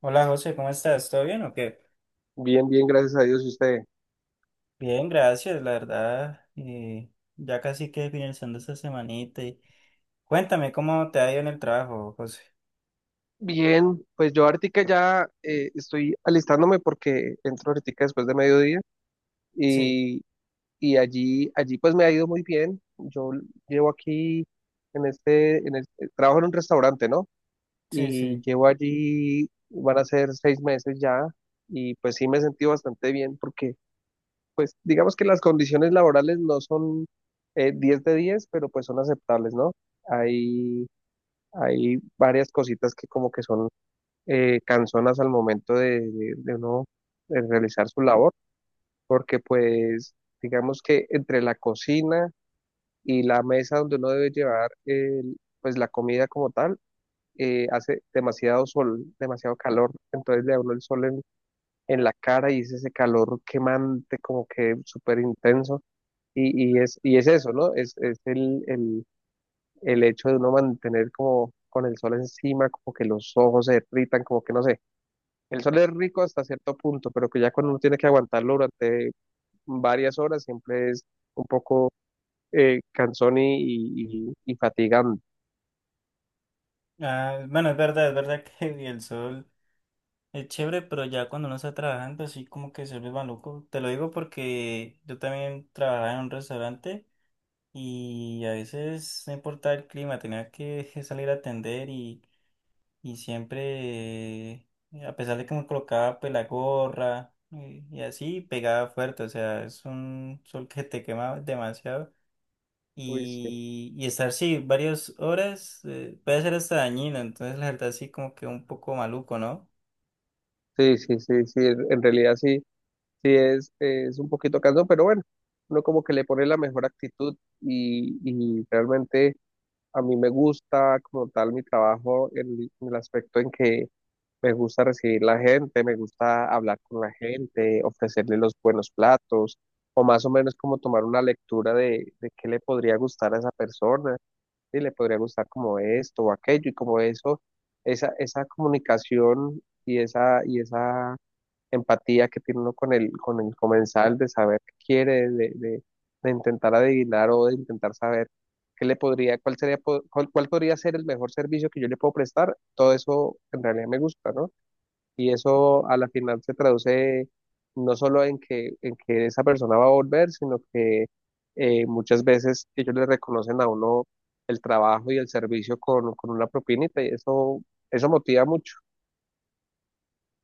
Hola José, ¿cómo estás? ¿Todo bien o qué? Bien, bien, gracias a Dios. ¿Y usted? Bien, gracias, la verdad. Ya casi que finalizando esta semanita. Cuéntame cómo te ha ido en el trabajo, José. Bien, pues yo ahorita ya estoy alistándome porque entro ahorita después de mediodía Sí, y, y allí pues me ha ido muy bien. Yo llevo aquí en este, en el, trabajo en un restaurante, ¿no? sí, Y sí. llevo allí, van a ser 6 meses ya y pues sí me he sentido bastante bien porque digamos que las condiciones laborales no son 10 de 10 pero pues son aceptables, ¿no? Hay, hay varias cositas que como que son cansonas al momento de uno realizar su labor, porque pues digamos que entre la cocina y la mesa donde uno debe llevar pues la comida como tal, hace demasiado sol, demasiado calor, entonces le da uno el sol en la cara y es ese calor quemante como que súper intenso y es eso, ¿no? Es el hecho de uno mantener como con el sol encima, como que los ojos se irritan, como que no sé. El sol es rico hasta cierto punto, pero que ya cuando uno tiene que aguantarlo durante varias horas, siempre es un poco cansón y fatigante. Ah, bueno, es verdad que el sol es chévere, pero ya cuando uno está trabajando así como que se vuelve maluco. Te lo digo porque yo también trabajaba en un restaurante y a veces no importaba el clima, tenía que salir a atender y siempre, a pesar de que me colocaba pues la gorra y así, pegaba fuerte, o sea, es un sol que te quema demasiado Uy, sí. y estar sí varias horas puede ser hasta dañino, entonces la verdad sí como que un poco maluco, ¿no? Sí, sí, sí, sí, en realidad sí, sí es un poquito cansón, pero bueno, uno como que le pone la mejor actitud y, y realmente a mí me gusta como tal mi trabajo en el aspecto en que me gusta recibir la gente, me gusta hablar con la gente, ofrecerle los buenos platos, o más o menos como tomar una lectura de qué le podría gustar a esa persona, si le podría gustar como esto o aquello, y como eso, esa comunicación y esa empatía que tiene uno con el comensal de saber qué quiere, de intentar adivinar o de intentar saber qué le podría, cuál sería, cuál podría ser el mejor servicio que yo le puedo prestar, todo eso en realidad me gusta, ¿no? Y eso a la final se traduce no solo en que esa persona va a volver, sino que muchas veces ellos le reconocen a uno el trabajo y el servicio con una propinita y eso motiva mucho,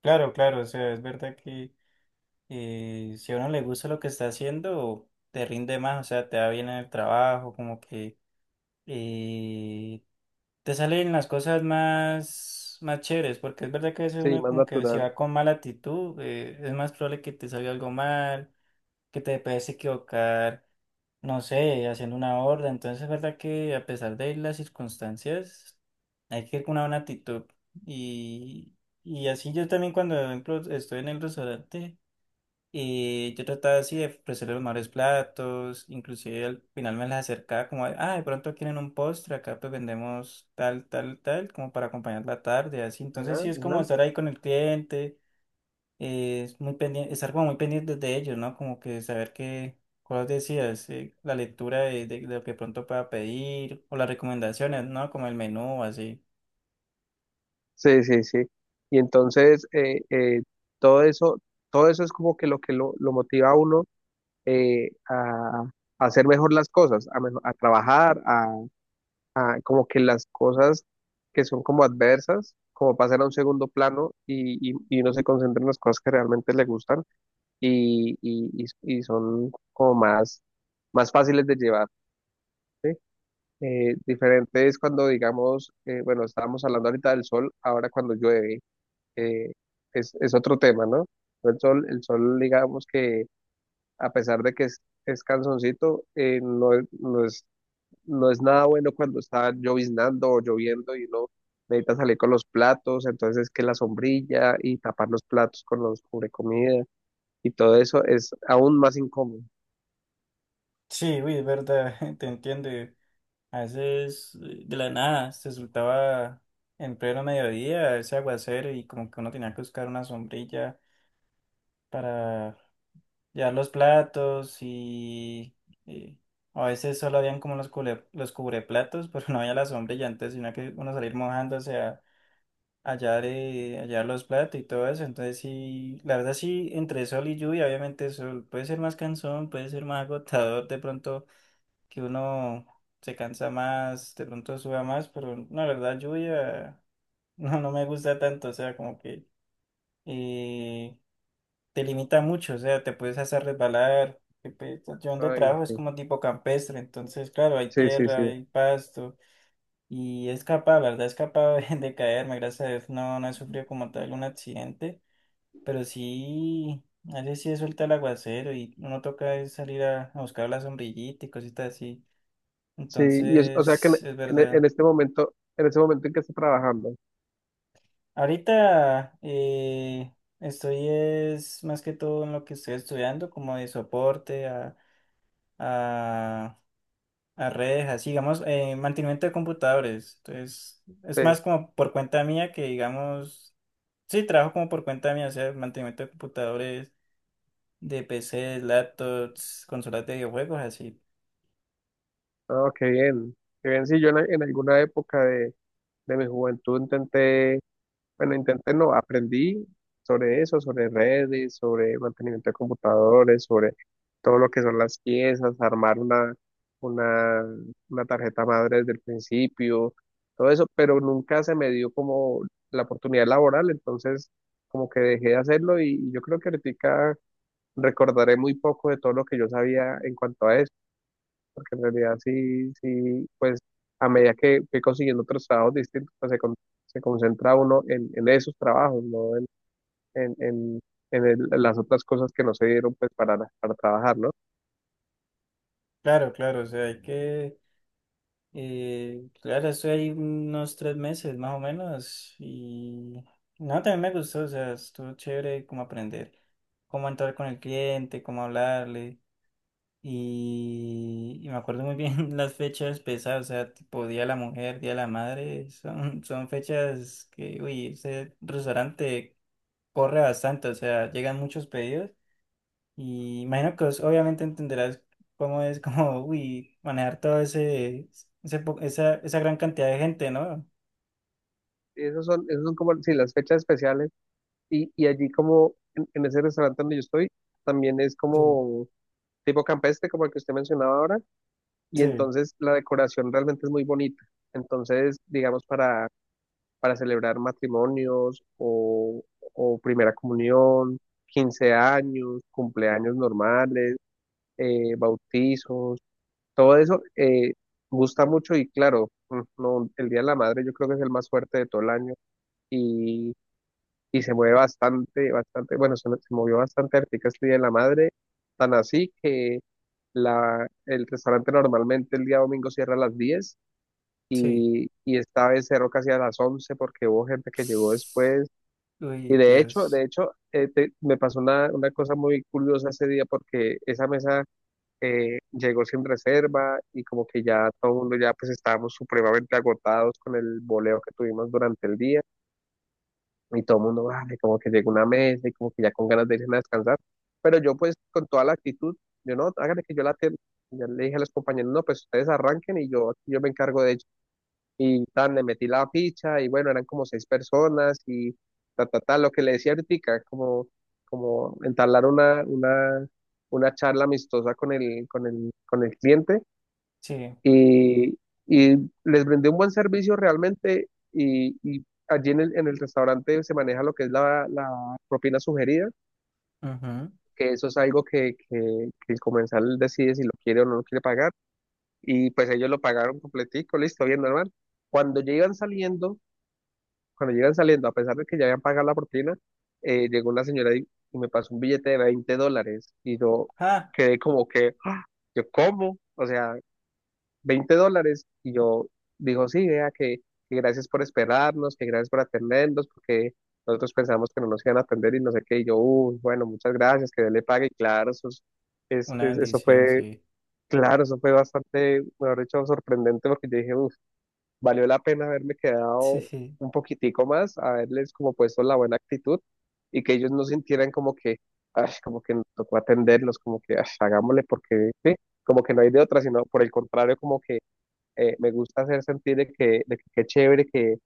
Claro, claro, o sea, es verdad que si a uno le gusta lo que está haciendo, te rinde más, o sea, te va bien en el trabajo, como que. eh, Te salen las cosas más chéveres, porque es verdad que a veces sí, uno más como que si natural. va con mala actitud, es más probable que te salga algo mal, que te puedes equivocar, no sé, haciendo una orden. Entonces es verdad que a pesar de las circunstancias, hay que ir con una buena actitud. Y, y así yo también cuando, por ejemplo, estoy en el restaurante. Y yo trataba así de ofrecerle los mejores platos, inclusive al final me las acercaba como, ah, de pronto quieren un postre, acá pues vendemos tal, tal, tal, como para acompañar la tarde, así. Entonces Ajá, sí es como ajá. estar ahí con el cliente, es muy pendiente, estar como muy pendiente de ellos, ¿no? Como que saber qué cosas decías, la lectura de lo que pronto pueda pedir, o las recomendaciones, ¿no? Como el menú, así. Sí, sí, sí. Y entonces todo eso, todo eso es como que lo que lo motiva a uno eh, a, a hacer mejor las cosas, a trabajar, ah, como que las cosas que son como adversas, como pasan a un segundo plano y uno se concentra en las cosas que realmente le gustan y son como más, fáciles de llevar. ¿Sí? Diferente es cuando, digamos, bueno, estábamos hablando ahorita del sol, ahora cuando llueve, eh, es otro tema, ¿no? El sol, digamos que a pesar de que es cansoncito, no, no es nada bueno cuando está lloviznando o lloviendo y uno necesita salir con los platos, entonces que la sombrilla y tapar los platos con los cubrecomida y todo eso es aún más incómodo. Sí, uy, es verdad, te entiendo. A veces de la nada se soltaba en pleno mediodía ese aguacero y como que uno tenía que buscar una sombrilla para llevar los platos y a veces solo habían como los cubreplatos, pero no había la sombrilla, entonces tenía que uno salir mojándose a llevar los platos y todo eso. Entonces sí, la verdad sí, entre sol y lluvia, obviamente sol puede ser más cansón, puede ser más agotador de pronto que uno se cansa más, de pronto suda más, pero no, la verdad, lluvia no, no me gusta tanto, o sea, como que eh, te limita mucho, o sea, te puedes hacer resbalar. Que, pues, yo donde Ay, trabajo es sí, como tipo campestre, entonces, claro, hay sí, sí, tierra, sí. hay pasto, y he escapado, la verdad, he escapado de caerme, gracias a Dios, no, no he sufrido como tal un accidente, pero sí. A veces sí suelta el aguacero y uno toca es salir a buscar la sombrillita y cositas así. Sí, y o sea que Entonces, es verdad. En este momento en que está trabajando, Ahorita estoy es más que todo en lo que estoy estudiando, como de soporte a, a redes, así digamos, mantenimiento de computadores. Entonces, es sí. más como por cuenta mía que digamos, sí, trabajo como por cuenta mía, o sea, mantenimiento de computadores, de PCs, laptops, consolas de videojuegos, así. Ah, qué bien, qué bien. Sí, yo en alguna época de mi juventud intenté. Bueno, intenté, no, aprendí sobre eso, sobre redes, sobre mantenimiento de computadores, sobre todo lo que son las piezas, armar una, una tarjeta madre desde el principio, todo eso, pero nunca se me dio como la oportunidad laboral, entonces como que dejé de hacerlo y yo creo que ahorita recordaré muy poco de todo lo que yo sabía en cuanto a eso porque en realidad sí, sí, pues a medida que fui consiguiendo otros trabajos distintos, pues se concentra uno en esos trabajos, no en, en, en las otras cosas que no se dieron pues para trabajar, ¿no? Claro, claro, o sea, hay que claro, estoy ahí unos 3 meses más o menos y no, también me gustó, o sea, estuvo chévere como aprender cómo entrar con el cliente, cómo hablarle y me acuerdo muy bien las fechas pesadas, o sea, tipo Día de la Mujer, Día de la Madre, son fechas que, uy, ese restaurante corre bastante, o sea, llegan muchos pedidos y imagino que vos obviamente entenderás cómo es como, uy, manejar todo esa gran cantidad de gente, ¿no? Y esos son como, sí, las fechas especiales y allí como en ese restaurante donde yo estoy, también es Uy, como tipo campestre, como el que usted mencionaba ahora, y sí, entonces la decoración realmente es muy bonita. Entonces, digamos, para celebrar matrimonios o primera comunión, 15 años, cumpleaños normales, bautizos, todo eso gusta mucho y claro, no, el Día de la Madre yo creo que es el más fuerte de todo el año y, y se mueve bastante, bastante, bueno, se movió bastante ahorita este Día de la Madre, tan así que el restaurante normalmente el día domingo cierra a las 10 sí. y esta vez cerró casi a las 11 porque hubo gente que llegó después. Y Uy, de Dios. hecho, me pasó una cosa muy curiosa ese día porque esa mesa llegó sin reserva y como que ya todo el mundo ya pues estábamos supremamente agotados con el boleo que tuvimos durante el día y todo el mundo, vale, como que llegó una mesa y como que ya con ganas de irse a descansar. Pero yo pues con toda la actitud, yo no, háganle que yo la atiendo. Ya le dije a los compañeros, no, pues ustedes arranquen y yo, me encargo de ello. Y tan, le metí la ficha y bueno, eran como seis personas y ta, ta, ta, lo que le decía ahorita, como entablar una charla amistosa con el cliente Sí. y, y les brindé un buen servicio realmente y allí en el restaurante se maneja lo que es la propina sugerida, Ujú. que eso es algo que el comensal decide si lo quiere o no lo quiere pagar y pues ellos lo pagaron completico, listo, bien normal. Cuando llegan saliendo, Cuando llegan saliendo, a pesar de que ya habían pagado la propina, llegó la señora y me pasó un billete de $20 y yo Ah, quedé como que, ¡ah! Yo, ¿cómo? O sea, $20 y yo dijo, sí, vea que gracias por esperarnos, que gracias por atendernos, porque nosotros pensamos que no nos iban a atender y no sé qué, y yo, uy, bueno, muchas gracias, que Dios le pague, y claro, eso, una es- eso bendición, fue, sí. claro, eso fue bastante, mejor dicho, sorprendente porque yo dije, uff, valió la pena haberme Sí, quedado sí. un poquitico más, haberles como puesto la buena actitud y que ellos no sintieran como que, ay, como que nos tocó atenderlos, como que "Ay, hagámosle porque, sí, como que no hay de otra", sino por el contrario, como que me gusta hacer sentir de que, qué chévere que,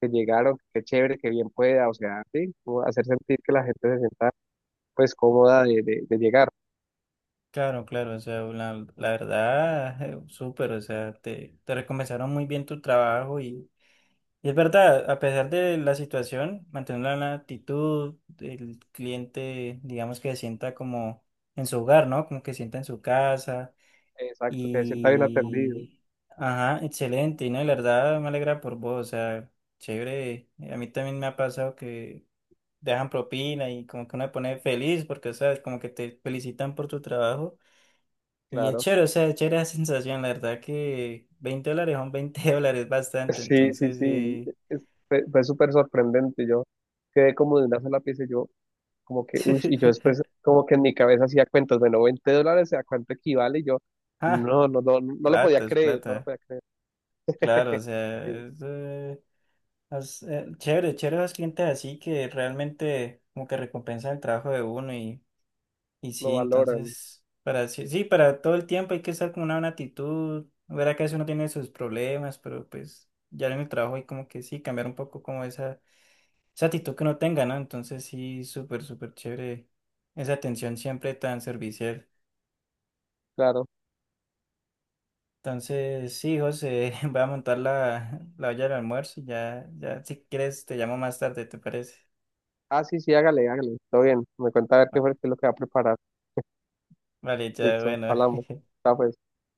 que llegaron, qué chévere, que bien pueda, o sea, sí, como hacer sentir que la gente se sienta pues cómoda de llegar. Claro, claro. O sea, la verdad, súper. O sea, te recompensaron muy bien tu trabajo. Y es verdad, a pesar de la situación, mantener la actitud, el cliente, digamos que se sienta como en su hogar, ¿no? Como que se sienta en su casa. Exacto, que se sienta bien atendido, y... Ajá, excelente, y no, y la verdad me alegra por vos, o sea, chévere. A mí también me ha pasado que dejan propina y como que uno se pone feliz porque, o sea, como que te felicitan por tu trabajo y es claro. chévere, o sea, es chévere la sensación, la verdad que $20 son 20 dólares bastante, Sí, sí, entonces. sí, es- fue súper sorprendente, yo quedé como de una sola pieza, y yo como que, uy, y yo después como que en mi cabeza hacía cuentas, bueno, $20, ¿a cuánto equivale? Y yo, Ah, no, no, no, no lo podía plata, es creer, plata. no lo podía creer, Claro, o sea, sí, chévere, chévere los clientes así que realmente como que recompensan el trabajo de uno y lo sí, valoran, entonces, para sí, sí, para todo el tiempo hay que estar con una buena actitud, verá que a veces uno tiene sus problemas, pero pues ya en el trabajo hay como que sí, cambiar un poco como esa actitud que uno tenga, ¿no? Entonces sí, súper, súper chévere esa atención siempre tan servicial. claro. Entonces, sí, José, voy a montar la olla del almuerzo. Ya, ya, si quieres, te llamo más tarde, ¿te parece? Ah, sí, sí, hágale, hágale, todo bien, me cuenta a ver qué Va- fue, qué es lo que va a preparar, Vale, ya, listo, bueno. hablamos, está pues.